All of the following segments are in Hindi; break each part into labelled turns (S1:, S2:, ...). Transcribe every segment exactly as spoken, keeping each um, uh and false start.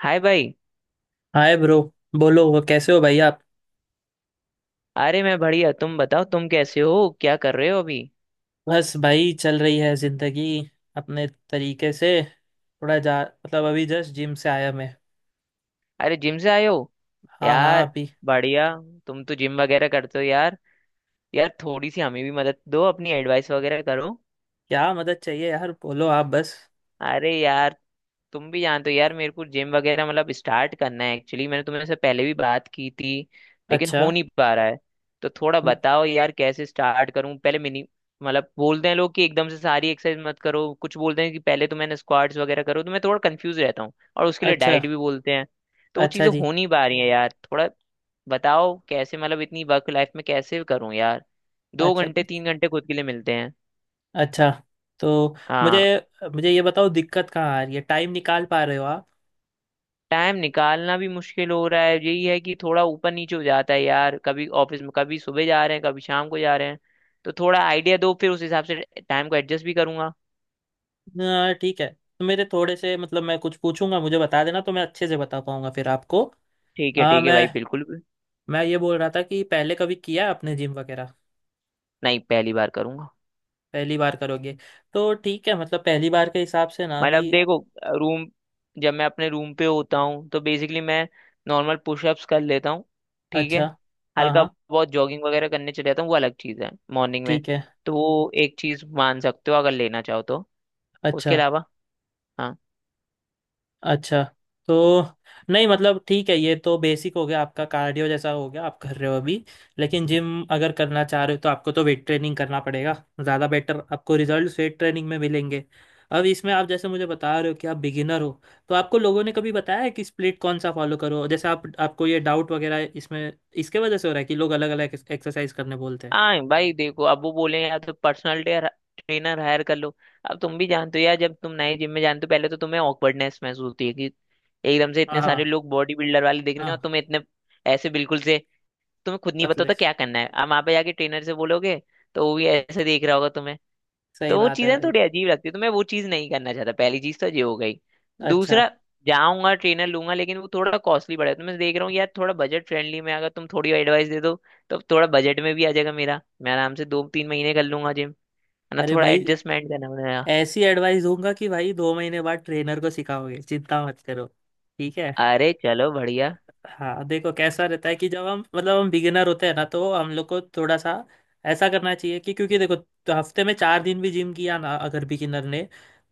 S1: हाय भाई।
S2: Hi bro. बोलो, वो कैसे हो भाई आप?
S1: अरे मैं बढ़िया, तुम बताओ, तुम कैसे हो, क्या कर रहे हो अभी?
S2: बस भाई, चल रही है जिंदगी अपने तरीके से। थोड़ा जा मतलब अभी जस्ट जिम से आया मैं।
S1: अरे जिम से आए हो?
S2: हाँ हाँ,
S1: यार
S2: अभी।
S1: बढ़िया। तुम तो जिम वगैरह करते हो यार। यार थोड़ी सी हमें भी मदद दो, अपनी एडवाइस वगैरह करो।
S2: क्या मदद चाहिए यार? बोलो आप बस।
S1: अरे यार, तुम भी जानते हो यार, मेरे को जिम वगैरह मतलब स्टार्ट करना है एक्चुअली। मैंने तुम्हें से पहले भी बात की थी, लेकिन
S2: अच्छा।
S1: हो नहीं पा रहा है। तो थोड़ा
S2: न-
S1: बताओ यार कैसे स्टार्ट करूं पहले मिनी। मतलब बोलते हैं लोग कि एकदम से सारी एक्सरसाइज मत करो, कुछ बोलते हैं कि पहले तुम्हें स्क्वाट्स वगैरह करो, तो मैं थोड़ा कंफ्यूज रहता हूँ। और उसके लिए
S2: अच्छा।
S1: डाइट भी बोलते हैं। तो वो
S2: अच्छा
S1: चीज़ें
S2: जी।
S1: हो नहीं पा रही हैं यार थोड़ा। बताओ कैसे, मतलब इतनी वर्क लाइफ में कैसे करूं यार। दो
S2: अच्छा।
S1: घंटे तीन घंटे खुद के लिए मिलते हैं।
S2: अच्छा तो मुझे
S1: हाँ।
S2: मुझे ये बताओ, दिक्कत कहाँ आ रही है? टाइम निकाल पा रहे हो आप?
S1: टाइम निकालना भी मुश्किल हो रहा है, यही है कि थोड़ा ऊपर नीचे हो जाता है यार। कभी ऑफिस में, कभी सुबह जा रहे हैं, कभी शाम को जा रहे हैं। तो थोड़ा आइडिया दो, फिर उस हिसाब से टाइम को एडजस्ट भी करूंगा।
S2: हाँ, ठीक है। तो मेरे थोड़े से मतलब मैं कुछ पूछूंगा, मुझे बता देना, तो मैं अच्छे से बता पाऊंगा फिर आपको।
S1: ठीक है
S2: हाँ।
S1: ठीक है
S2: मैं
S1: भाई, बिल्कुल भी।
S2: मैं ये बोल रहा था कि पहले कभी किया है आपने जिम वगैरह?
S1: नहीं, पहली बार करूंगा।
S2: पहली बार करोगे? तो ठीक है, मतलब पहली बार के हिसाब से ना अभी।
S1: मतलब देखो, रूम, जब मैं अपने रूम पे होता हूँ तो बेसिकली मैं नॉर्मल पुशअप्स कर लेता हूँ। ठीक
S2: अच्छा।
S1: है।
S2: हाँ
S1: हल्का
S2: हाँ,
S1: बहुत जॉगिंग वगैरह करने चले जाता हूँ, वो अलग चीज़ है मॉर्निंग में।
S2: ठीक है।
S1: तो वो एक चीज़ मान सकते हो अगर लेना चाहो तो।
S2: अच्छा।
S1: उसके अलावा, हाँ।
S2: अच्छा तो नहीं, मतलब ठीक है, ये तो बेसिक हो गया आपका, कार्डियो जैसा हो गया आप कर रहे हो अभी। लेकिन जिम अगर करना चाह रहे हो तो आपको तो वेट ट्रेनिंग करना पड़ेगा। ज़्यादा बेटर आपको रिजल्ट वेट ट्रेनिंग में मिलेंगे। अब इसमें आप जैसे मुझे बता रहे हो कि आप बिगिनर हो, तो आपको लोगों ने कभी बताया है कि स्प्लिट कौन सा फॉलो करो, जैसे आप आपको ये डाउट वगैरह इसमें इसके वजह से हो रहा है कि लोग अलग अलग एक्सरसाइज करने बोलते हैं।
S1: हाँ भाई देखो, अब वो बोले या तो पर्सनल ट्रेनर हायर कर लो। अब तुम भी जानते हो यार, जब तुम नए जिम में जानते हो पहले तो तुम्हें ऑकवर्डनेस महसूस होती है कि एकदम से
S2: हाँ
S1: इतने सारे
S2: हाँ
S1: लोग बॉडी बिल्डर वाले दिख रहे हैं और
S2: हाँ।
S1: तुम्हें इतने, ऐसे बिल्कुल से, तुम्हें खुद नहीं पता
S2: पतले।
S1: होता क्या करना है। अब वहां पे जाके ट्रेनर से बोलोगे तो वो भी ऐसे देख रहा होगा तुम्हें।
S2: सही
S1: तो वो
S2: बात है
S1: चीजें
S2: भाई।
S1: थोड़ी अजीब लगती है, तो मैं वो चीज नहीं करना चाहता। पहली चीज तो ये हो गई।
S2: अच्छा।
S1: दूसरा, जाऊंगा ट्रेनर लूंगा लेकिन वो थोड़ा कॉस्टली पड़ेगा, तो मैं देख रहा हूँ यार, थोड़ा बजट फ्रेंडली में अगर तुम थोड़ी एडवाइस दे दो तो थोड़ा बजट में भी आ जाएगा मेरा। मैं आराम से दो तीन महीने कर लूंगा जिम, है ना?
S2: अरे
S1: थोड़ा
S2: भाई,
S1: एडजस्टमेंट करना। मैंने
S2: ऐसी एडवाइस दूंगा कि भाई दो महीने बाद ट्रेनर को सिखाओगे, चिंता मत करो। ठीक है।
S1: कहा, अरे चलो बढ़िया।
S2: हाँ, देखो कैसा रहता है कि जब हम मतलब हम बिगिनर होते हैं ना तो हम लोग को थोड़ा सा ऐसा करना चाहिए कि क्योंकि देखो, तो हफ्ते में चार दिन भी जिम किया ना अगर बिगिनर ने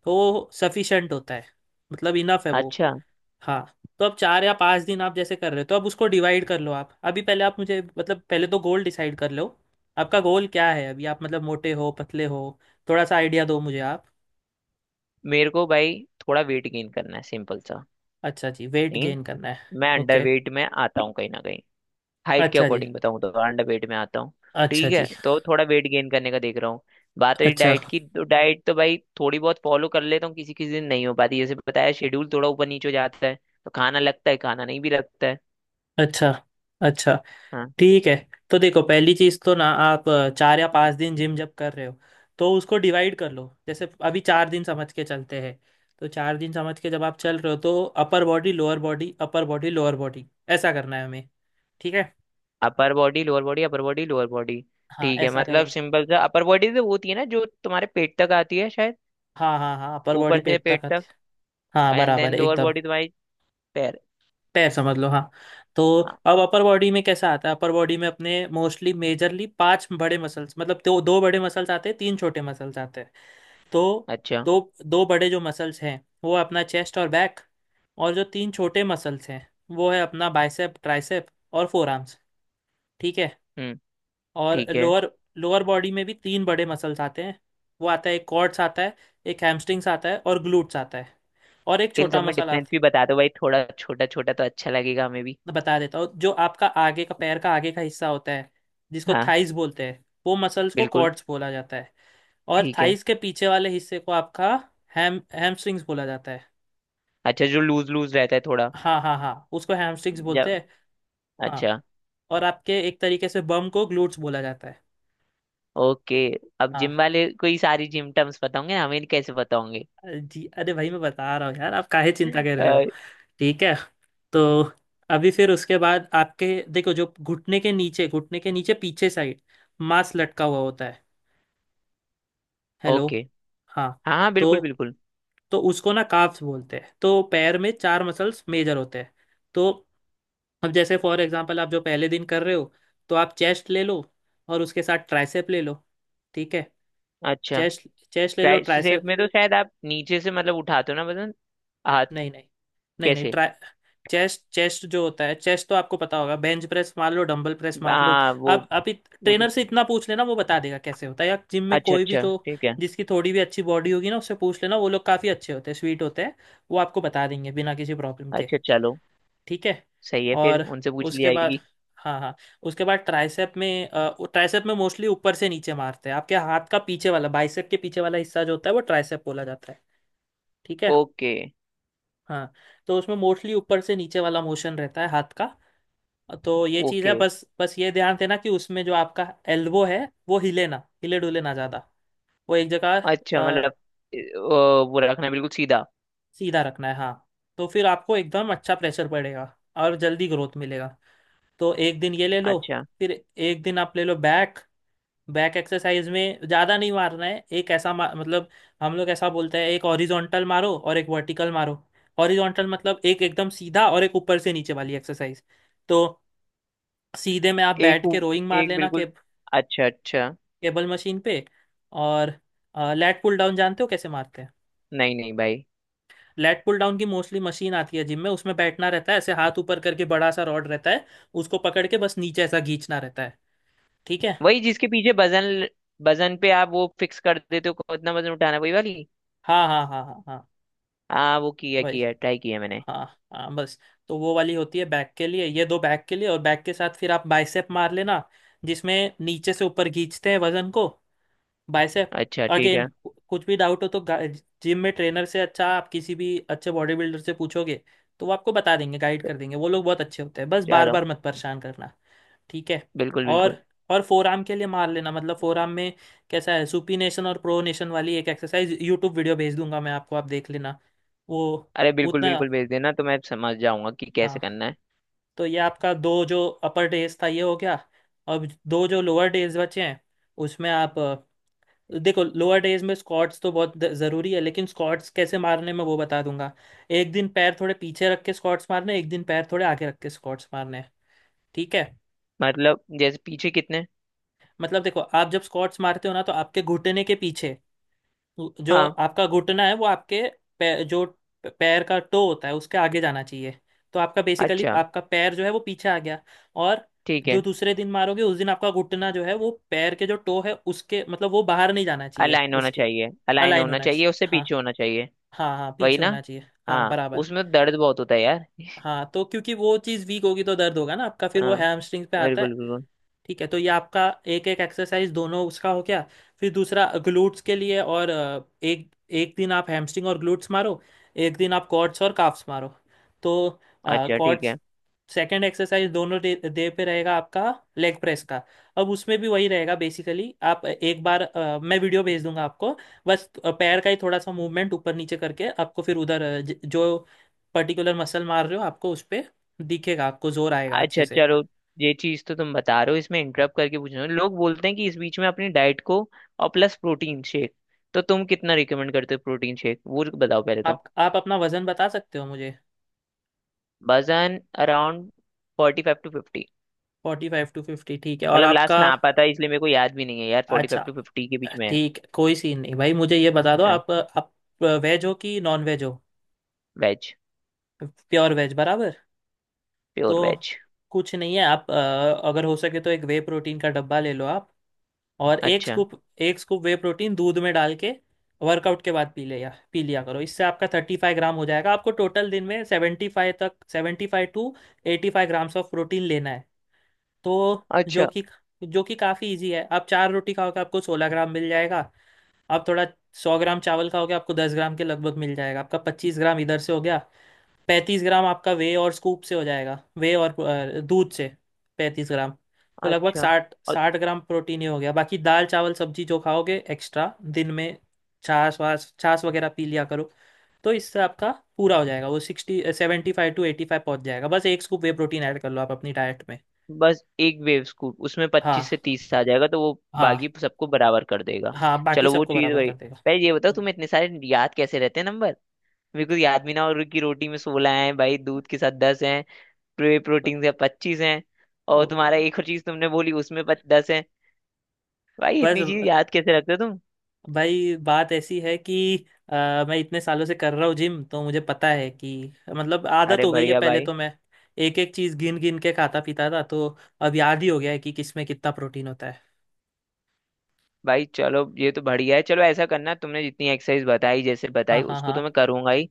S2: तो सफिशेंट होता है, मतलब इनफ है वो।
S1: अच्छा,
S2: हाँ। तो अब चार या पांच दिन आप जैसे कर रहे हो, तो अब उसको डिवाइड कर लो आप। अभी पहले आप मुझे मतलब पहले तो गोल डिसाइड कर लो। आपका गोल क्या है अभी? आप मतलब मोटे हो, पतले हो? थोड़ा सा आइडिया दो मुझे आप।
S1: मेरे को भाई थोड़ा वेट गेन करना है, सिंपल सा।
S2: अच्छा जी, वेट
S1: लेकिन
S2: गेन करना है।
S1: मैं अंडर
S2: ओके।
S1: वेट में आता हूँ कहीं ना कहीं। हाइट के
S2: अच्छा जी।
S1: अकॉर्डिंग बताऊं तो अंडर वेट में आता हूँ।
S2: अच्छा
S1: ठीक है,
S2: जी।
S1: तो थोड़ा वेट गेन करने का देख रहा हूँ। बात रही
S2: अच्छा।
S1: डाइट की, तो डाइट तो भाई थोड़ी बहुत फॉलो कर लेता हूँ, किसी किसी दिन नहीं हो पाती। जैसे बताया, शेड्यूल थोड़ा ऊपर नीचे हो जाता है, तो खाना लगता है, खाना नहीं भी लगता है।
S2: अच्छा। अच्छा।
S1: हाँ।
S2: ठीक है। तो देखो पहली चीज तो ना आप अ, चार या पांच दिन जिम जब कर रहे हो तो उसको डिवाइड कर लो। जैसे अभी चार दिन समझ के चलते हैं, तो चार दिन समझ के जब आप चल रहे हो तो upper body, lower body, upper body, lower body, ऐसा करना है हमें। ठीक है।
S1: Upper body lower body upper body lower body.
S2: हाँ,
S1: ठीक है,
S2: ऐसा
S1: मतलब
S2: करेंगे।
S1: सिंपल सा। अपर बॉडी तो वो होती है ना जो तुम्हारे पेट तक आती है शायद,
S2: हाँ हाँ हाँ, अपर बॉडी
S1: ऊपर से
S2: पेट
S1: पेट
S2: तक आते।
S1: तक।
S2: हाँ,
S1: एंड
S2: बराबर
S1: देन
S2: है
S1: लोअर
S2: एकदम।
S1: बॉडी तुम्हारी पैर।
S2: पैर समझ लो, हाँ। तो
S1: हाँ,
S2: अब अपर बॉडी में कैसा आता है? अपर बॉडी में अपने मोस्टली मेजरली पांच बड़े मसल्स, मतलब दो दो बड़े मसल्स आते हैं, तीन छोटे मसल्स आते हैं। तो
S1: अच्छा।
S2: दो दो बड़े जो मसल्स हैं वो है अपना चेस्ट और बैक। और जो तीन छोटे मसल्स हैं, वो है अपना बाइसेप, ट्राइसेप और फोर आर्म्स। ठीक है।
S1: हम्म।
S2: और
S1: ठीक है।
S2: लोअर लोअर बॉडी में भी तीन बड़े मसल्स आते हैं। वो आता है एक क्वाड्स आता है, एक हैमस्ट्रिंग्स आता है और ग्लूट्स आता है। और एक
S1: इन
S2: छोटा
S1: सब में
S2: मसल
S1: डिफरेंस
S2: आता।
S1: भी बता दो भाई थोड़ा, छोटा छोटा तो अच्छा लगेगा हमें भी।
S2: बता देता हूँ, जो आपका आगे का पैर का आगे का हिस्सा होता है, जिसको
S1: हाँ।
S2: थाइस बोलते हैं, वो मसल्स को
S1: बिल्कुल।
S2: क्वाड्स बोला जाता है। और
S1: ठीक है।
S2: थाइस के पीछे वाले हिस्से को आपका हैम हैमस्ट्रिंग्स बोला जाता है।
S1: अच्छा, जो लूज लूज रहता है थोड़ा
S2: हाँ हाँ हाँ, उसको हैमस्टिक्स बोलते
S1: जब।
S2: हैं। हाँ।
S1: अच्छा।
S2: और आपके एक तरीके से बम को ग्लूट्स बोला जाता है।
S1: ओके। अब जिम
S2: हाँ।
S1: वाले को ही सारी जिम टर्म्स पता होंगे ना, हमें कैसे पता होंगे?
S2: अरे जी, अरे भाई मैं बता रहा हूँ यार, आप काहे चिंता कर रहे हो?
S1: अ,
S2: ठीक है। तो अभी फिर उसके बाद आपके देखो जो घुटने के नीचे, घुटने के नीचे पीछे साइड मांस लटका हुआ होता है। हेलो।
S1: ओके।
S2: हाँ।
S1: हाँ हाँ
S2: तो
S1: बिल्कुल बिल्कुल।
S2: तो उसको ना काफ्स बोलते हैं। तो पैर में चार मसल्स मेजर होते हैं। तो अब जैसे फॉर एग्जांपल आप जो पहले दिन कर रहे हो, तो आप चेस्ट ले लो और उसके साथ ट्राइसेप ले लो। ठीक है।
S1: अच्छा,
S2: चेस्ट, चेस्ट ले लो,
S1: ट्राई सेप
S2: ट्राइसेप।
S1: में तो शायद आप नीचे से मतलब उठाते हो ना वजन, हाथ?
S2: नहीं नहीं नहीं नहीं,
S1: कैसे?
S2: ट्राई चेस्ट चेस्ट जो होता है, चेस्ट तो आपको पता होगा, बेंच प्रेस मार लो, डंबल प्रेस मार लो।
S1: हाँ वो
S2: आप आप इत,
S1: वो तो,
S2: ट्रेनर से इतना पूछ लेना वो बता देगा कैसे होता है, या जिम में
S1: अच्छा
S2: कोई भी
S1: अच्छा
S2: जो
S1: ठीक है।
S2: जिसकी थोड़ी भी अच्छी बॉडी होगी ना, उससे पूछ लेना, वो लोग काफ़ी अच्छे होते हैं, स्वीट होते हैं, वो आपको बता देंगे बिना किसी प्रॉब्लम के।
S1: अच्छा चलो।
S2: ठीक है।
S1: सही है, फिर
S2: और
S1: उनसे पूछ ली
S2: उसके बाद,
S1: जाएगी।
S2: हाँ हाँ, उसके बाद ट्राइसेप में अ, वो ट्राइसेप में मोस्टली ऊपर से नीचे मारते हैं, आपके हाथ का पीछे वाला, बाइसेप के पीछे वाला हिस्सा जो होता है वो ट्राइसेप बोला जाता है। ठीक है।
S1: ओके।
S2: हाँ। तो उसमें मोस्टली ऊपर से नीचे वाला मोशन रहता है हाथ का। तो ये चीज़ है,
S1: ओके।
S2: बस बस ये ध्यान देना कि उसमें जो आपका एल्बो है वो हिले ना, हिले डुले ना ज़्यादा, वो एक जगह।
S1: अच्छा मतलब,
S2: अ,
S1: अ, वो रखना बिल्कुल सीधा।
S2: सीधा रखना है, हाँ। तो फिर आपको एकदम अच्छा प्रेशर पड़ेगा और जल्दी ग्रोथ मिलेगा। तो एक दिन ये ले लो,
S1: अच्छा।
S2: फिर एक दिन आप ले लो बैक। बैक एक्सरसाइज में ज़्यादा नहीं मारना है, एक ऐसा मा- मतलब हम लोग ऐसा बोलते हैं, एक हॉरिजॉन्टल मारो और एक वर्टिकल मारो। हॉरिजॉन्टल मतलब एक एकदम सीधा, और एक ऊपर से नीचे वाली एक्सरसाइज। तो सीधे में आप
S1: एक
S2: बैठ के
S1: उ-
S2: रोइंग मार
S1: एक
S2: लेना के,
S1: बिल्कुल, अच्छा अच्छा।
S2: केबल मशीन पे। और लैट पुल डाउन जानते हो कैसे मारते हैं?
S1: नहीं नहीं भाई।
S2: लैट पुल डाउन की मोस्टली मशीन आती है जिम में, उसमें बैठना रहता है ऐसे हाथ ऊपर करके, बड़ा सा रॉड रहता है, उसको पकड़ के बस नीचे ऐसा खींचना रहता है। ठीक है।
S1: वही जिसके पीछे वजन, वजन पे आप वो फिक्स कर देते हो कितना वजन उठाना है, वही वाली।
S2: हाँ हाँ हाँ हाँ हाँ,
S1: हाँ वो किया
S2: वही,
S1: किया ट्राई किया मैंने।
S2: हाँ हाँ, बस। तो वो वाली होती है बैक के लिए, ये दो बैक के लिए। और बैक के साथ फिर आप बाइसेप मार लेना, जिसमें नीचे से ऊपर खींचते हैं वजन को। बाइसेप।
S1: अच्छा ठीक
S2: अगेन
S1: है।
S2: कुछ भी डाउट हो तो जिम में ट्रेनर से, अच्छा आप किसी भी अच्छे बॉडी बिल्डर से पूछोगे तो वो आपको बता देंगे, गाइड
S1: तो
S2: कर देंगे, वो लोग बहुत अच्छे होते हैं, बस बार
S1: चलो,
S2: बार मत परेशान करना। ठीक है।
S1: बिल्कुल बिल्कुल।
S2: और और फोर आर्म के लिए मार लेना, मतलब फोर आर्म में कैसा है, सुपीनेशन और प्रोनेशन वाली एक एक्सरसाइज, यूट्यूब वीडियो भेज दूंगा मैं आपको, आप देख लेना वो
S1: अरे बिल्कुल
S2: उतना।
S1: बिल्कुल, भेज देना तो मैं समझ जाऊंगा कि कैसे
S2: हाँ।
S1: करना है।
S2: तो ये आपका दो जो अपर डेज था ये हो गया। अब दो जो लोअर डेज बचे हैं, उसमें आप अ, देखो लोअर डेज में स्क्वाट्स तो बहुत द- ज़रूरी है, लेकिन स्क्वाट्स कैसे मारने मैं वो बता दूंगा। एक दिन पैर थोड़े पीछे रख के स्क्वाट्स मारने हैं, एक दिन पैर थोड़े आगे रख के स्क्वाट्स मारने हैं। ठीक है।
S1: मतलब जैसे पीछे कितने?
S2: मतलब देखो, आप जब स्क्वाट्स मारते हो ना तो आपके घुटने के पीछे, जो
S1: हाँ।
S2: आपका घुटना है वो आपके पैर जो पैर का टो होता है उसके आगे जाना चाहिए। तो आपका बेसिकली
S1: अच्छा
S2: आपका पैर जो है वो पीछे आ गया। और
S1: ठीक
S2: जो
S1: है।
S2: दूसरे दिन मारोगे उस दिन आपका घुटना जो है वो पैर के जो टो है उसके मतलब वो बाहर नहीं जाना चाहिए
S1: अलाइन होना
S2: उसके,
S1: चाहिए, अलाइन
S2: अलाइन
S1: होना
S2: होना
S1: चाहिए,
S2: चाहिए,
S1: उससे
S2: हाँ।
S1: पीछे होना चाहिए।
S2: हाँ हाँ,
S1: वही
S2: पीछे
S1: ना।
S2: होना चाहिए, हाँ,
S1: हाँ।
S2: बराबर।
S1: उसमें दर्द बहुत होता है यार।
S2: हाँ, तो क्योंकि वो चीज़ वीक होगी तो दर्द होगा ना आपका, फिर वो
S1: हाँ
S2: हैमस्ट्रिंग्स पे आता है।
S1: बिल्कुल बिल्कुल।
S2: ठीक है, तो ये आपका एक एक एक्सरसाइज दोनों उसका हो गया। फिर दूसरा ग्लूट्स के लिए, और अ, एक एक दिन आप हैमस्ट्रिंग और ग्लूट्स मारो, एक दिन आप क्वाड्स और काफ्स मारो। तो
S1: अच्छा ठीक
S2: क्वाड्स
S1: है।
S2: सेकेंड एक्सरसाइज दोनों डे, डे पे रहेगा आपका, लेग प्रेस का। अब उसमें भी वही रहेगा, बेसिकली आप एक बार अ, मैं वीडियो भेज दूंगा आपको। बस अ, पैर का ही थोड़ा सा मूवमेंट ऊपर नीचे करके आपको, फिर उधर अ, ज- जो पर्टिकुलर मसल मार रहे हो आपको उस पे दिखेगा, आपको जोर आएगा
S1: अच्छा
S2: अच्छे से।
S1: चलो, ये चीज तो तुम बता रहे हो, इसमें इंटरप्ट करके पूछ रहे हो, लोग बोलते हैं कि इस बीच में अपनी डाइट को और प्लस प्रोटीन शेक, तो तुम कितना रिकमेंड करते हो प्रोटीन शेक, वो बताओ पहले तो।
S2: आप आप अपना वजन बता सकते हो मुझे?
S1: वजन around forty five to fifty.
S2: Forty five to fifty, ठीक है। और
S1: मतलब
S2: आपका,
S1: लास्ट ना आ पाता है, इसलिए मेरे को याद भी नहीं है यार, फोर्टी
S2: अच्छा,
S1: फाइव टू फिफ्टी के बीच में
S2: ठीक, कोई सीन नहीं भाई। मुझे ये बता दो,
S1: है।
S2: आप आप वेज हो कि नॉन वेज हो?
S1: वेज।
S2: प्योर वेज, बराबर।
S1: प्योर
S2: तो
S1: वेज।
S2: कुछ नहीं है, आप अ, अगर हो सके तो एक वे प्रोटीन का डब्बा ले लो आप, और एक
S1: अच्छा,
S2: स्कूप, एक स्कूप वे प्रोटीन दूध में डाल के वर्कआउट के बाद पी लिया पी लिया करो। इससे आपका थर्टी फाइव ग्राम हो जाएगा। आपको टोटल दिन में सेवेंटी फाइव तक, seventy five to eighty five grams of protein लेना है। तो जो
S1: अच्छा
S2: कि, जो कि काफ़ी इजी है, आप चार रोटी खाओगे आपको सोलह ग्राम मिल जाएगा, आप थोड़ा सौ ग्राम चावल खाओगे आपको दस ग्राम के लगभग मिल जाएगा, आपका पच्चीस ग्राम इधर से हो गया, पैंतीस ग्राम आपका वे और स्कूप से हो जाएगा, वे और अ, दूध से पैंतीस ग्राम। तो लगभग
S1: अच्छा।
S2: साठ
S1: और
S2: साठ ग्राम प्रोटीन ही हो गया, बाकी दाल चावल सब्जी जो खाओगे एक्स्ट्रा दिन में, छाछ वाछ, छाछ वगैरह पी लिया करो, तो इससे आपका पूरा हो जाएगा, वो sixty, seventy five to eighty five पहुंच जाएगा। बस एक स्कूप वे प्रोटीन ऐड कर लो आप अपनी डाइट में।
S1: बस एक वेव स्कूप उसमें पच्चीस से
S2: हाँ
S1: तीस आ जाएगा, तो वो
S2: हाँ
S1: बाकी सबको बराबर कर देगा।
S2: हाँ, बाकी
S1: चलो, वो
S2: सबको
S1: चीज
S2: बराबर
S1: वही।
S2: कर देगा।
S1: पहले ये बताओ
S2: हम्म।
S1: तुम्हें इतने सारे याद कैसे रहते हैं नंबर? मेरे को याद भी ना, और की रोटी में सोलह हैं भाई, दूध के साथ दस हैं, प्रे
S2: ब-
S1: प्रोटीन से पच्चीस हैं, और तुम्हारा
S2: अ-
S1: एक और चीज तुमने बोली उसमें दस हैं। भाई
S2: बस
S1: इतनी चीज याद कैसे रखते हो तुम?
S2: भाई बात ऐसी है कि अ, मैं इतने सालों से कर रहा हूँ जिम, तो मुझे पता है कि मतलब आदत
S1: अरे
S2: हो गई है,
S1: बढ़िया
S2: पहले
S1: भाई।
S2: तो मैं एक एक चीज गिन गिन के खाता पीता था, तो अब याद ही हो गया है कि किसमें कितना प्रोटीन होता है।
S1: भाई चलो ये तो बढ़िया है। चलो ऐसा करना, तुमने जितनी एक्सरसाइज बताई, जैसे
S2: हाँ
S1: बताई
S2: हाँ
S1: उसको
S2: हाँ,
S1: तो मैं करूंगा ही,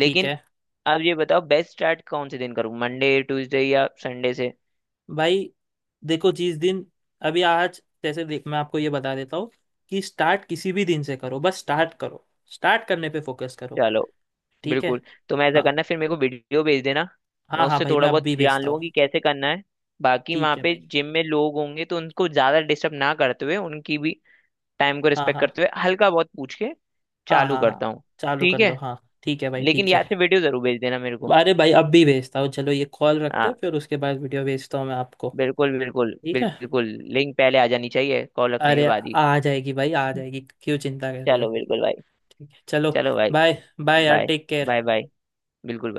S2: ठीक है
S1: अब ये बताओ, बेस्ट स्टार्ट कौन से दिन करूँ, मंडे ट्यूसडे या संडे से?
S2: भाई। देखो जिस दिन, अभी आज जैसे देख मैं आपको ये बता देता हूँ कि स्टार्ट किसी भी दिन से करो, बस स्टार्ट करो, स्टार्ट करने पे फोकस करो।
S1: चलो
S2: ठीक है।
S1: बिल्कुल। तुम ऐसा
S2: हाँ
S1: करना फिर मेरे को वीडियो भेज देना, मैं
S2: हाँ हाँ
S1: उससे
S2: भाई,
S1: थोड़ा
S2: मैं अब
S1: बहुत
S2: भी
S1: जान
S2: भेजता
S1: लूंगा
S2: हूँ।
S1: कि कैसे करना है। बाकी
S2: ठीक
S1: वहां
S2: है
S1: पे
S2: भाई।
S1: जिम में लोग होंगे, तो उनको ज्यादा डिस्टर्ब ना करते हुए, उनकी भी टाइम को
S2: हाँ
S1: रिस्पेक्ट
S2: हाँ
S1: करते हुए, हल्का बहुत पूछ के
S2: हाँ
S1: चालू
S2: हाँ
S1: करता
S2: हाँ,
S1: हूँ।
S2: चालू कर
S1: ठीक
S2: लो,
S1: है।
S2: हाँ। ठीक है भाई,
S1: लेकिन
S2: ठीक है।
S1: याद से वीडियो जरूर भेज देना मेरे को।
S2: अरे भाई, अब भी भेजता हूँ, चलो ये कॉल रखते हैं
S1: हाँ
S2: फिर उसके बाद वीडियो भेजता हूँ मैं आपको।
S1: बिल्कुल बिल्कुल
S2: ठीक है।
S1: बिल्कुल। लिंक पहले आ जानी चाहिए कॉल रखने
S2: अरे,
S1: के बाद ही।
S2: आ जाएगी भाई, आ जाएगी, क्यों चिंता कर रहे हो?
S1: चलो बिल्कुल भाई।
S2: ठीक है, चलो।
S1: चलो भाई।
S2: बाय। बाय यार,
S1: bye.
S2: Take
S1: bye
S2: care.
S1: Bye. बिल्कुल भाई।